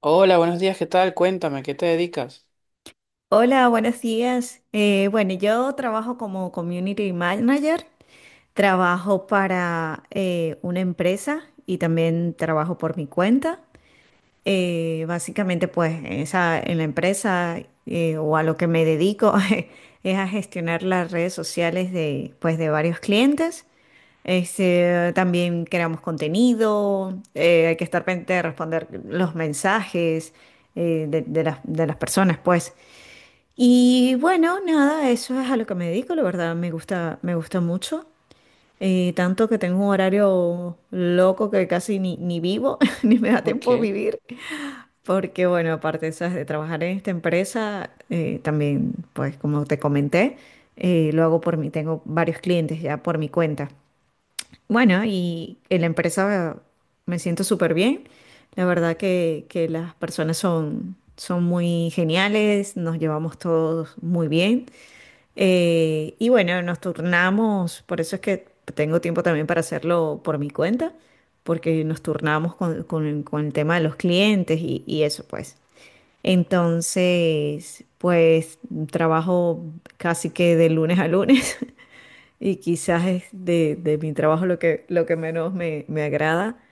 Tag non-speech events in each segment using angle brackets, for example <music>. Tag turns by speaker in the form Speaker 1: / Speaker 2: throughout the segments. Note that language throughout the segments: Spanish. Speaker 1: Hola, buenos días, ¿qué tal? Cuéntame, ¿qué te dedicas?
Speaker 2: Hola, buenos días. Bueno, yo trabajo como Community Manager, trabajo para una empresa y también trabajo por mi cuenta. Básicamente, pues esa, en la empresa o a lo que me dedico <laughs> es a gestionar las redes sociales pues, de varios clientes. Este, también creamos contenido, hay que estar pendiente de responder los mensajes de de las personas, pues. Y bueno, nada, eso es a lo que me dedico, la verdad, me gusta mucho. Tanto que tengo un horario loco que casi ni vivo, <laughs> ni me da
Speaker 1: Ok,
Speaker 2: tiempo de vivir. Porque bueno, aparte, ¿sabes?, de trabajar en esta empresa, también, pues como te comenté, lo hago por mí, tengo varios clientes ya por mi cuenta. Bueno, y en la empresa me siento súper bien. La verdad que las personas son muy geniales, nos llevamos todos muy bien. Y bueno, nos turnamos, por eso es que tengo tiempo también para hacerlo por mi cuenta, porque nos turnamos con el tema de los clientes y eso pues. Entonces, pues trabajo casi que de lunes a lunes, <laughs> y quizás es de mi trabajo lo lo que menos me agrada,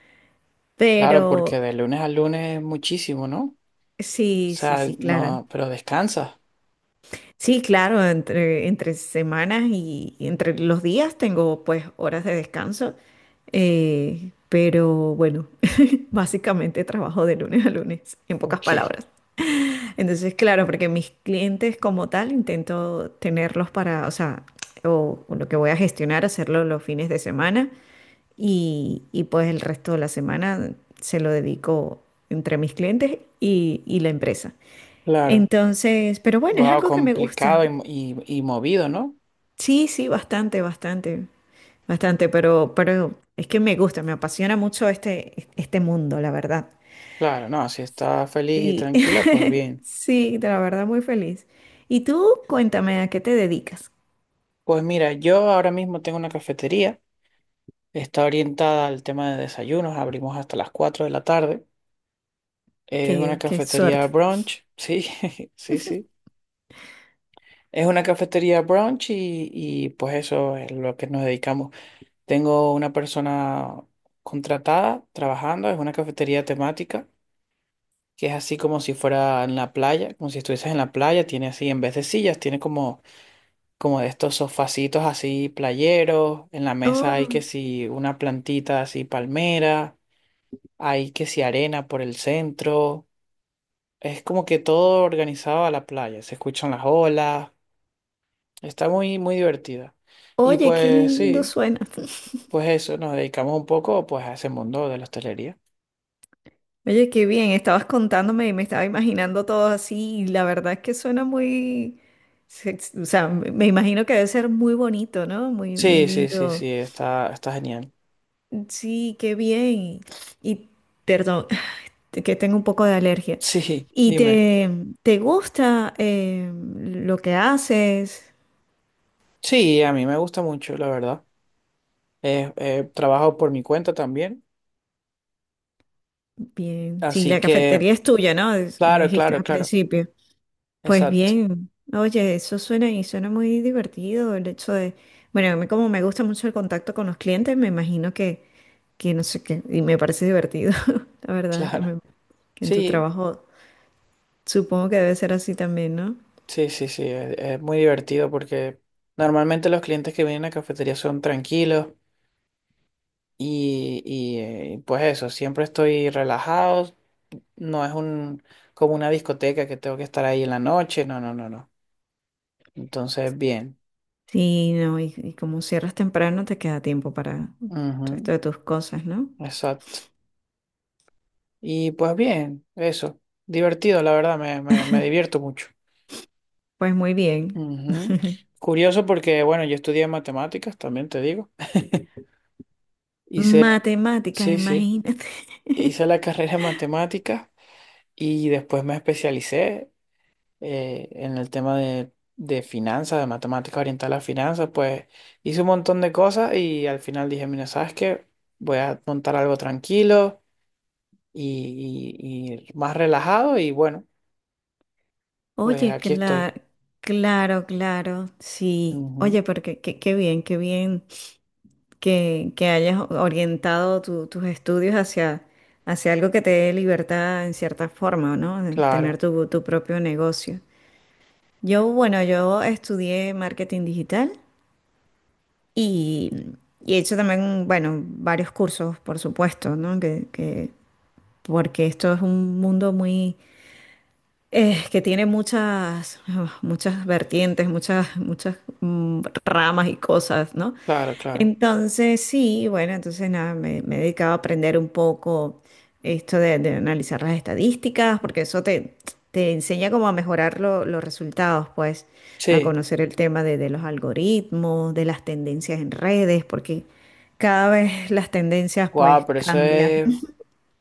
Speaker 1: claro,
Speaker 2: pero
Speaker 1: porque de lunes a lunes es muchísimo, ¿no? O
Speaker 2: sí, sí,
Speaker 1: sea,
Speaker 2: sí, claro.
Speaker 1: no, pero descansas.
Speaker 2: Sí, claro, entre semanas y entre los días tengo pues horas de descanso, pero bueno, <laughs> básicamente trabajo de lunes a lunes, en pocas
Speaker 1: Ok,
Speaker 2: palabras. Entonces, claro, porque mis clientes como tal intento tenerlos para, o sea, o lo que voy a gestionar, hacerlo los fines de semana. Y pues el resto de la semana se lo dedico entre mis clientes y la empresa.
Speaker 1: claro.
Speaker 2: Entonces, pero bueno, es
Speaker 1: Wow,
Speaker 2: algo que me gusta.
Speaker 1: complicado y, y movido, ¿no?
Speaker 2: Sí, sí, bastante, bastante, bastante, pero es que me gusta, me apasiona mucho este, este mundo, la verdad.
Speaker 1: Claro, no, si estás feliz y
Speaker 2: Sí,
Speaker 1: tranquila, pues
Speaker 2: <laughs>
Speaker 1: bien.
Speaker 2: sí, de la verdad muy feliz. Y tú, cuéntame, ¿a qué te dedicas?
Speaker 1: Pues mira, yo ahora mismo tengo una cafetería, está orientada al tema de desayunos, abrimos hasta las 4 de la tarde. Es una
Speaker 2: Qué, qué
Speaker 1: cafetería
Speaker 2: suerte.
Speaker 1: brunch, sí, <laughs> sí, sí. Es una cafetería brunch y pues eso es lo que nos dedicamos. Tengo una persona contratada trabajando, es una cafetería temática, que es así como si fuera en la playa, como si estuvieses en la playa, tiene así, en vez de sillas, tiene como, como de estos sofacitos así playeros, en la mesa hay que
Speaker 2: Oh,
Speaker 1: si una plantita así palmera, hay que si arena por el centro, es como que todo organizado a la playa, se escuchan las olas, está muy, muy divertida. Y
Speaker 2: oye, qué
Speaker 1: pues
Speaker 2: lindo
Speaker 1: sí,
Speaker 2: suena. <laughs>
Speaker 1: pues eso, nos dedicamos un poco pues a ese mundo de la hostelería.
Speaker 2: Oye, qué bien, estabas contándome y me estaba imaginando todo así, y la verdad es que suena muy, o sea, me imagino que debe ser muy bonito, ¿no? Muy, muy
Speaker 1: Sí, sí, sí,
Speaker 2: lindo.
Speaker 1: sí, está, está genial. <laughs>
Speaker 2: Sí, qué bien. Y perdón, <sighs> que tengo un poco de alergia.
Speaker 1: Sí,
Speaker 2: ¿Y
Speaker 1: dime.
Speaker 2: te gusta lo que haces?
Speaker 1: Sí, a mí me gusta mucho, la verdad. Trabajo por mi cuenta también.
Speaker 2: Bien. Sí,
Speaker 1: Así
Speaker 2: la
Speaker 1: que,
Speaker 2: cafetería es tuya, ¿no? Me
Speaker 1: claro,
Speaker 2: dijiste
Speaker 1: claro,
Speaker 2: al
Speaker 1: claro.
Speaker 2: principio. Pues
Speaker 1: Exacto,
Speaker 2: bien, oye, eso suena y suena muy divertido, el hecho de, bueno, a mí como me gusta mucho el contacto con los clientes, me imagino que no sé qué, y me parece divertido, <laughs> la
Speaker 1: <laughs>
Speaker 2: verdad,
Speaker 1: claro.
Speaker 2: que en tu
Speaker 1: Sí,
Speaker 2: trabajo supongo que debe ser así también, ¿no?
Speaker 1: sí, sí, sí. Es muy divertido porque normalmente los clientes que vienen a cafetería son tranquilos y, y pues eso, siempre estoy relajado. No es un, como una discoteca que tengo que estar ahí en la noche. No, no, no, no. Entonces, bien.
Speaker 2: Sí, no, y como cierras temprano, te queda tiempo para el
Speaker 1: Ujú.
Speaker 2: resto de tus cosas, ¿no?
Speaker 1: Exacto. Y pues bien, eso. Divertido, la verdad, me
Speaker 2: <laughs>
Speaker 1: divierto mucho.
Speaker 2: Pues muy bien.
Speaker 1: Ujú.
Speaker 2: <laughs>
Speaker 1: Curioso porque, bueno, yo estudié matemáticas, también te digo. Hice,
Speaker 2: Matemáticas,
Speaker 1: sí, sí,
Speaker 2: imagínate.
Speaker 1: hice
Speaker 2: <laughs>
Speaker 1: la <laughs> carrera en matemáticas y después me especialicé en el tema de finanzas, de matemáticas orientadas a las finanzas. Pues hice un montón de cosas y al final dije, mira, ¿sabes qué? Voy a montar algo tranquilo y más relajado y bueno, pues
Speaker 2: Oye,
Speaker 1: aquí estoy.
Speaker 2: claro, claro, claro, sí.
Speaker 1: Ujú.
Speaker 2: Oye, pero qué, qué bien que hayas orientado tus estudios hacia, hacia algo que te dé libertad en cierta forma, ¿no? De tener
Speaker 1: Claro,
Speaker 2: tu, tu propio negocio. Yo, bueno, yo estudié marketing digital y, y he hecho también, bueno, varios cursos, por supuesto, ¿no? Que, porque esto es un mundo muy que tiene muchas, <sighs> muchas vertientes, muchas, ramas y cosas, ¿no?
Speaker 1: claro, claro.
Speaker 2: Entonces, sí, bueno, entonces nada, me he dedicado a aprender un poco esto de analizar las estadísticas, porque eso te enseña cómo a mejorar los resultados, pues, a
Speaker 1: Sí,
Speaker 2: conocer el tema de los algoritmos, de las tendencias en redes, porque cada vez las tendencias,
Speaker 1: guau,
Speaker 2: pues,
Speaker 1: pero
Speaker 2: cambian.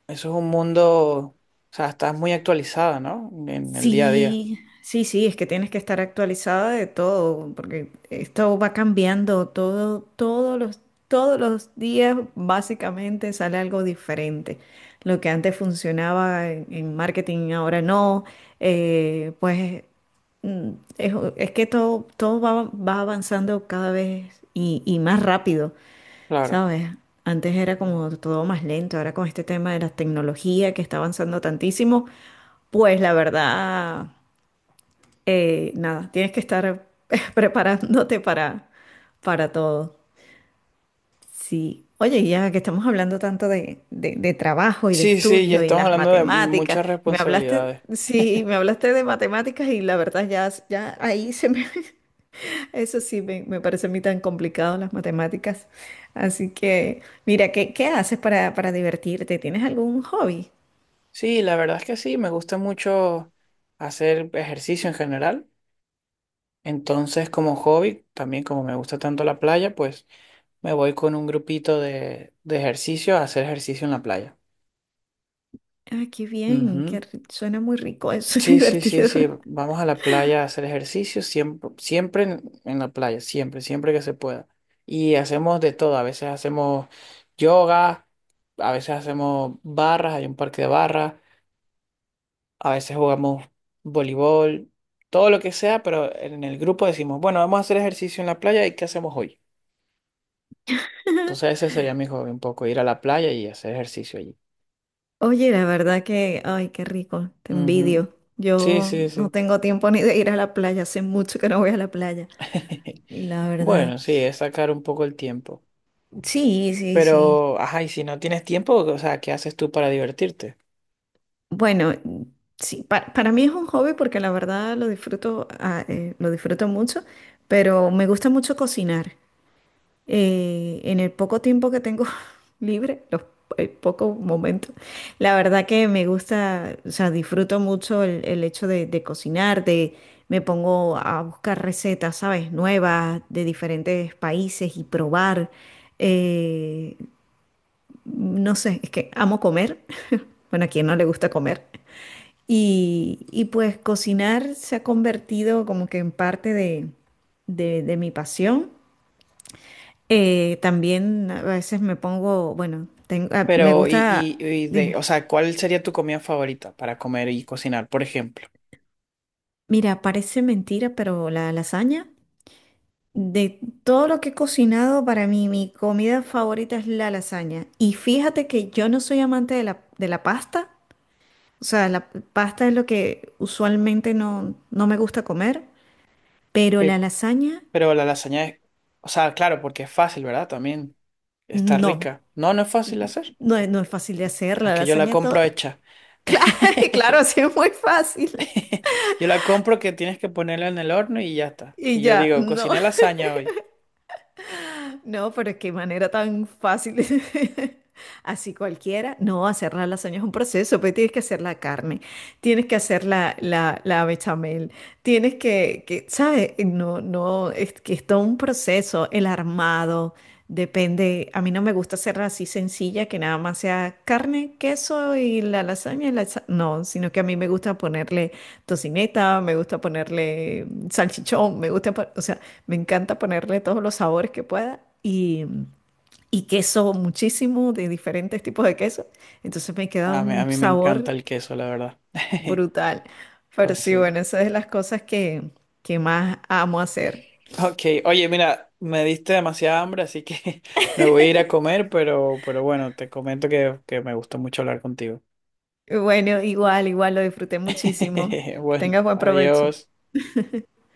Speaker 1: eso es un mundo, o sea, estás muy actualizada, ¿no? En el día a día.
Speaker 2: Sí, sí, sí, es que tienes que estar actualizada de todo, porque esto va cambiando todo, todos todos los días básicamente sale algo diferente. Lo que antes funcionaba en marketing, ahora no. eh, pues mm, es que todo, todo va, va avanzando cada vez y más rápido.
Speaker 1: Claro.
Speaker 2: ¿Sabes? Antes era como todo más lento, ahora con este tema de la tecnología que está avanzando tantísimo, pues la verdad, nada, tienes que estar <laughs> preparándote para todo. Sí. Oye, y ya que estamos hablando tanto de, de trabajo y de
Speaker 1: Sí, sí, ya
Speaker 2: estudio y
Speaker 1: estamos
Speaker 2: las
Speaker 1: hablando de
Speaker 2: matemáticas,
Speaker 1: muchas
Speaker 2: me hablaste,
Speaker 1: responsabilidades.
Speaker 2: sí, me hablaste de matemáticas y la verdad ya, ya ahí se me, <laughs> eso sí me parece a mí tan complicado las matemáticas. Así que, mira, ¿qué, qué haces para divertirte? ¿Tienes algún hobby?
Speaker 1: Sí, la verdad es que sí, me gusta mucho hacer ejercicio en general. Entonces, como hobby, también como me gusta tanto la playa, pues me voy con un grupito de ejercicio a hacer ejercicio en la playa.
Speaker 2: Ah, qué bien,
Speaker 1: Ujú.
Speaker 2: qué suena muy rico, suena <laughs>
Speaker 1: Sí, sí, sí,
Speaker 2: divertido.
Speaker 1: sí. Vamos a la playa a hacer ejercicio, siempre, siempre en la playa, siempre, siempre que se pueda. Y hacemos de todo, a veces hacemos yoga, a veces hacemos barras, hay un parque de barras, a veces jugamos voleibol, todo lo que sea, pero en el grupo decimos, bueno, vamos a hacer ejercicio en la playa y ¿qué hacemos hoy? Entonces
Speaker 2: <laughs>
Speaker 1: ese sería mi hobby, un poco ir a la playa y hacer ejercicio allí.
Speaker 2: Oye, la verdad que, ay, qué rico, te
Speaker 1: Ujú.
Speaker 2: envidio.
Speaker 1: Sí,
Speaker 2: Yo
Speaker 1: sí,
Speaker 2: no
Speaker 1: sí.
Speaker 2: tengo tiempo ni de ir a la playa, hace mucho que no voy a la playa,
Speaker 1: <laughs>
Speaker 2: la verdad.
Speaker 1: Bueno, sí, es sacar un poco el tiempo.
Speaker 2: Sí, sí, sí.
Speaker 1: Pero, ajá, y si no tienes tiempo, o sea, ¿qué haces tú para divertirte?
Speaker 2: Bueno, sí, para mí es un hobby porque la verdad lo disfruto, lo disfruto mucho, pero me gusta mucho cocinar. En el poco tiempo que tengo <laughs> libre, los pocos momentos, la verdad que me gusta, o sea, disfruto mucho el hecho de cocinar, de me pongo a buscar recetas, ¿sabes?, nuevas de diferentes países y probar. Eh, no sé, es que amo comer. <laughs> Bueno, a quien no le gusta comer. Y pues cocinar se ha convertido como que en parte de, de mi pasión. También a veces me pongo, bueno, me
Speaker 1: Pero,
Speaker 2: gusta,
Speaker 1: de,
Speaker 2: dime,
Speaker 1: o sea, ¿cuál sería tu comida favorita para comer y cocinar, por ejemplo?
Speaker 2: mira, parece mentira, pero la lasaña, de todo lo que he cocinado, para mí mi comida favorita es la lasaña. Y fíjate que yo no soy amante de de la pasta. O sea, la pasta es lo que usualmente no, no me gusta comer, pero
Speaker 1: Eh,
Speaker 2: la lasaña
Speaker 1: pero la lasaña es, o sea, claro, porque es fácil, ¿verdad? También está
Speaker 2: no.
Speaker 1: rica. No, no es fácil de hacer.
Speaker 2: No es, no es fácil de hacer,
Speaker 1: Es
Speaker 2: la
Speaker 1: que yo la
Speaker 2: lasaña todo.
Speaker 1: compro
Speaker 2: <laughs>
Speaker 1: hecha.
Speaker 2: Claro,
Speaker 1: <laughs>
Speaker 2: claro, sí es muy fácil.
Speaker 1: Yo la compro que tienes que ponerla en el horno y ya está.
Speaker 2: Y
Speaker 1: Y yo
Speaker 2: ya,
Speaker 1: digo,
Speaker 2: no.
Speaker 1: cociné lasaña hoy.
Speaker 2: <laughs> No, pero qué manera tan fácil. <laughs> Así cualquiera. No, hacer la lasaña es un proceso, pues tienes que hacer la carne, tienes que hacer la, la bechamel, tienes que, ¿sabes? No, no, es que es todo un proceso, el armado, depende. A mí no me gusta hacerla así sencilla, que nada más sea carne, queso y la lasaña. No, sino que a mí me gusta ponerle tocineta, me gusta ponerle salchichón, me gusta, o sea, me encanta ponerle todos los sabores que pueda y queso muchísimo de diferentes tipos de queso. Entonces me queda
Speaker 1: A
Speaker 2: un
Speaker 1: mí me encanta
Speaker 2: sabor
Speaker 1: el queso, la verdad. <laughs>
Speaker 2: brutal. Pero
Speaker 1: Pues
Speaker 2: sí,
Speaker 1: sí.
Speaker 2: bueno, esa es de las cosas que más amo hacer.
Speaker 1: Ok, oye, mira, me diste demasiada hambre, así que <laughs> me voy a ir a comer, pero bueno, te comento que me gustó mucho hablar contigo.
Speaker 2: Y bueno, igual, igual lo disfruté muchísimo.
Speaker 1: <laughs>
Speaker 2: Que
Speaker 1: Bueno,
Speaker 2: tengas buen provecho.
Speaker 1: adiós.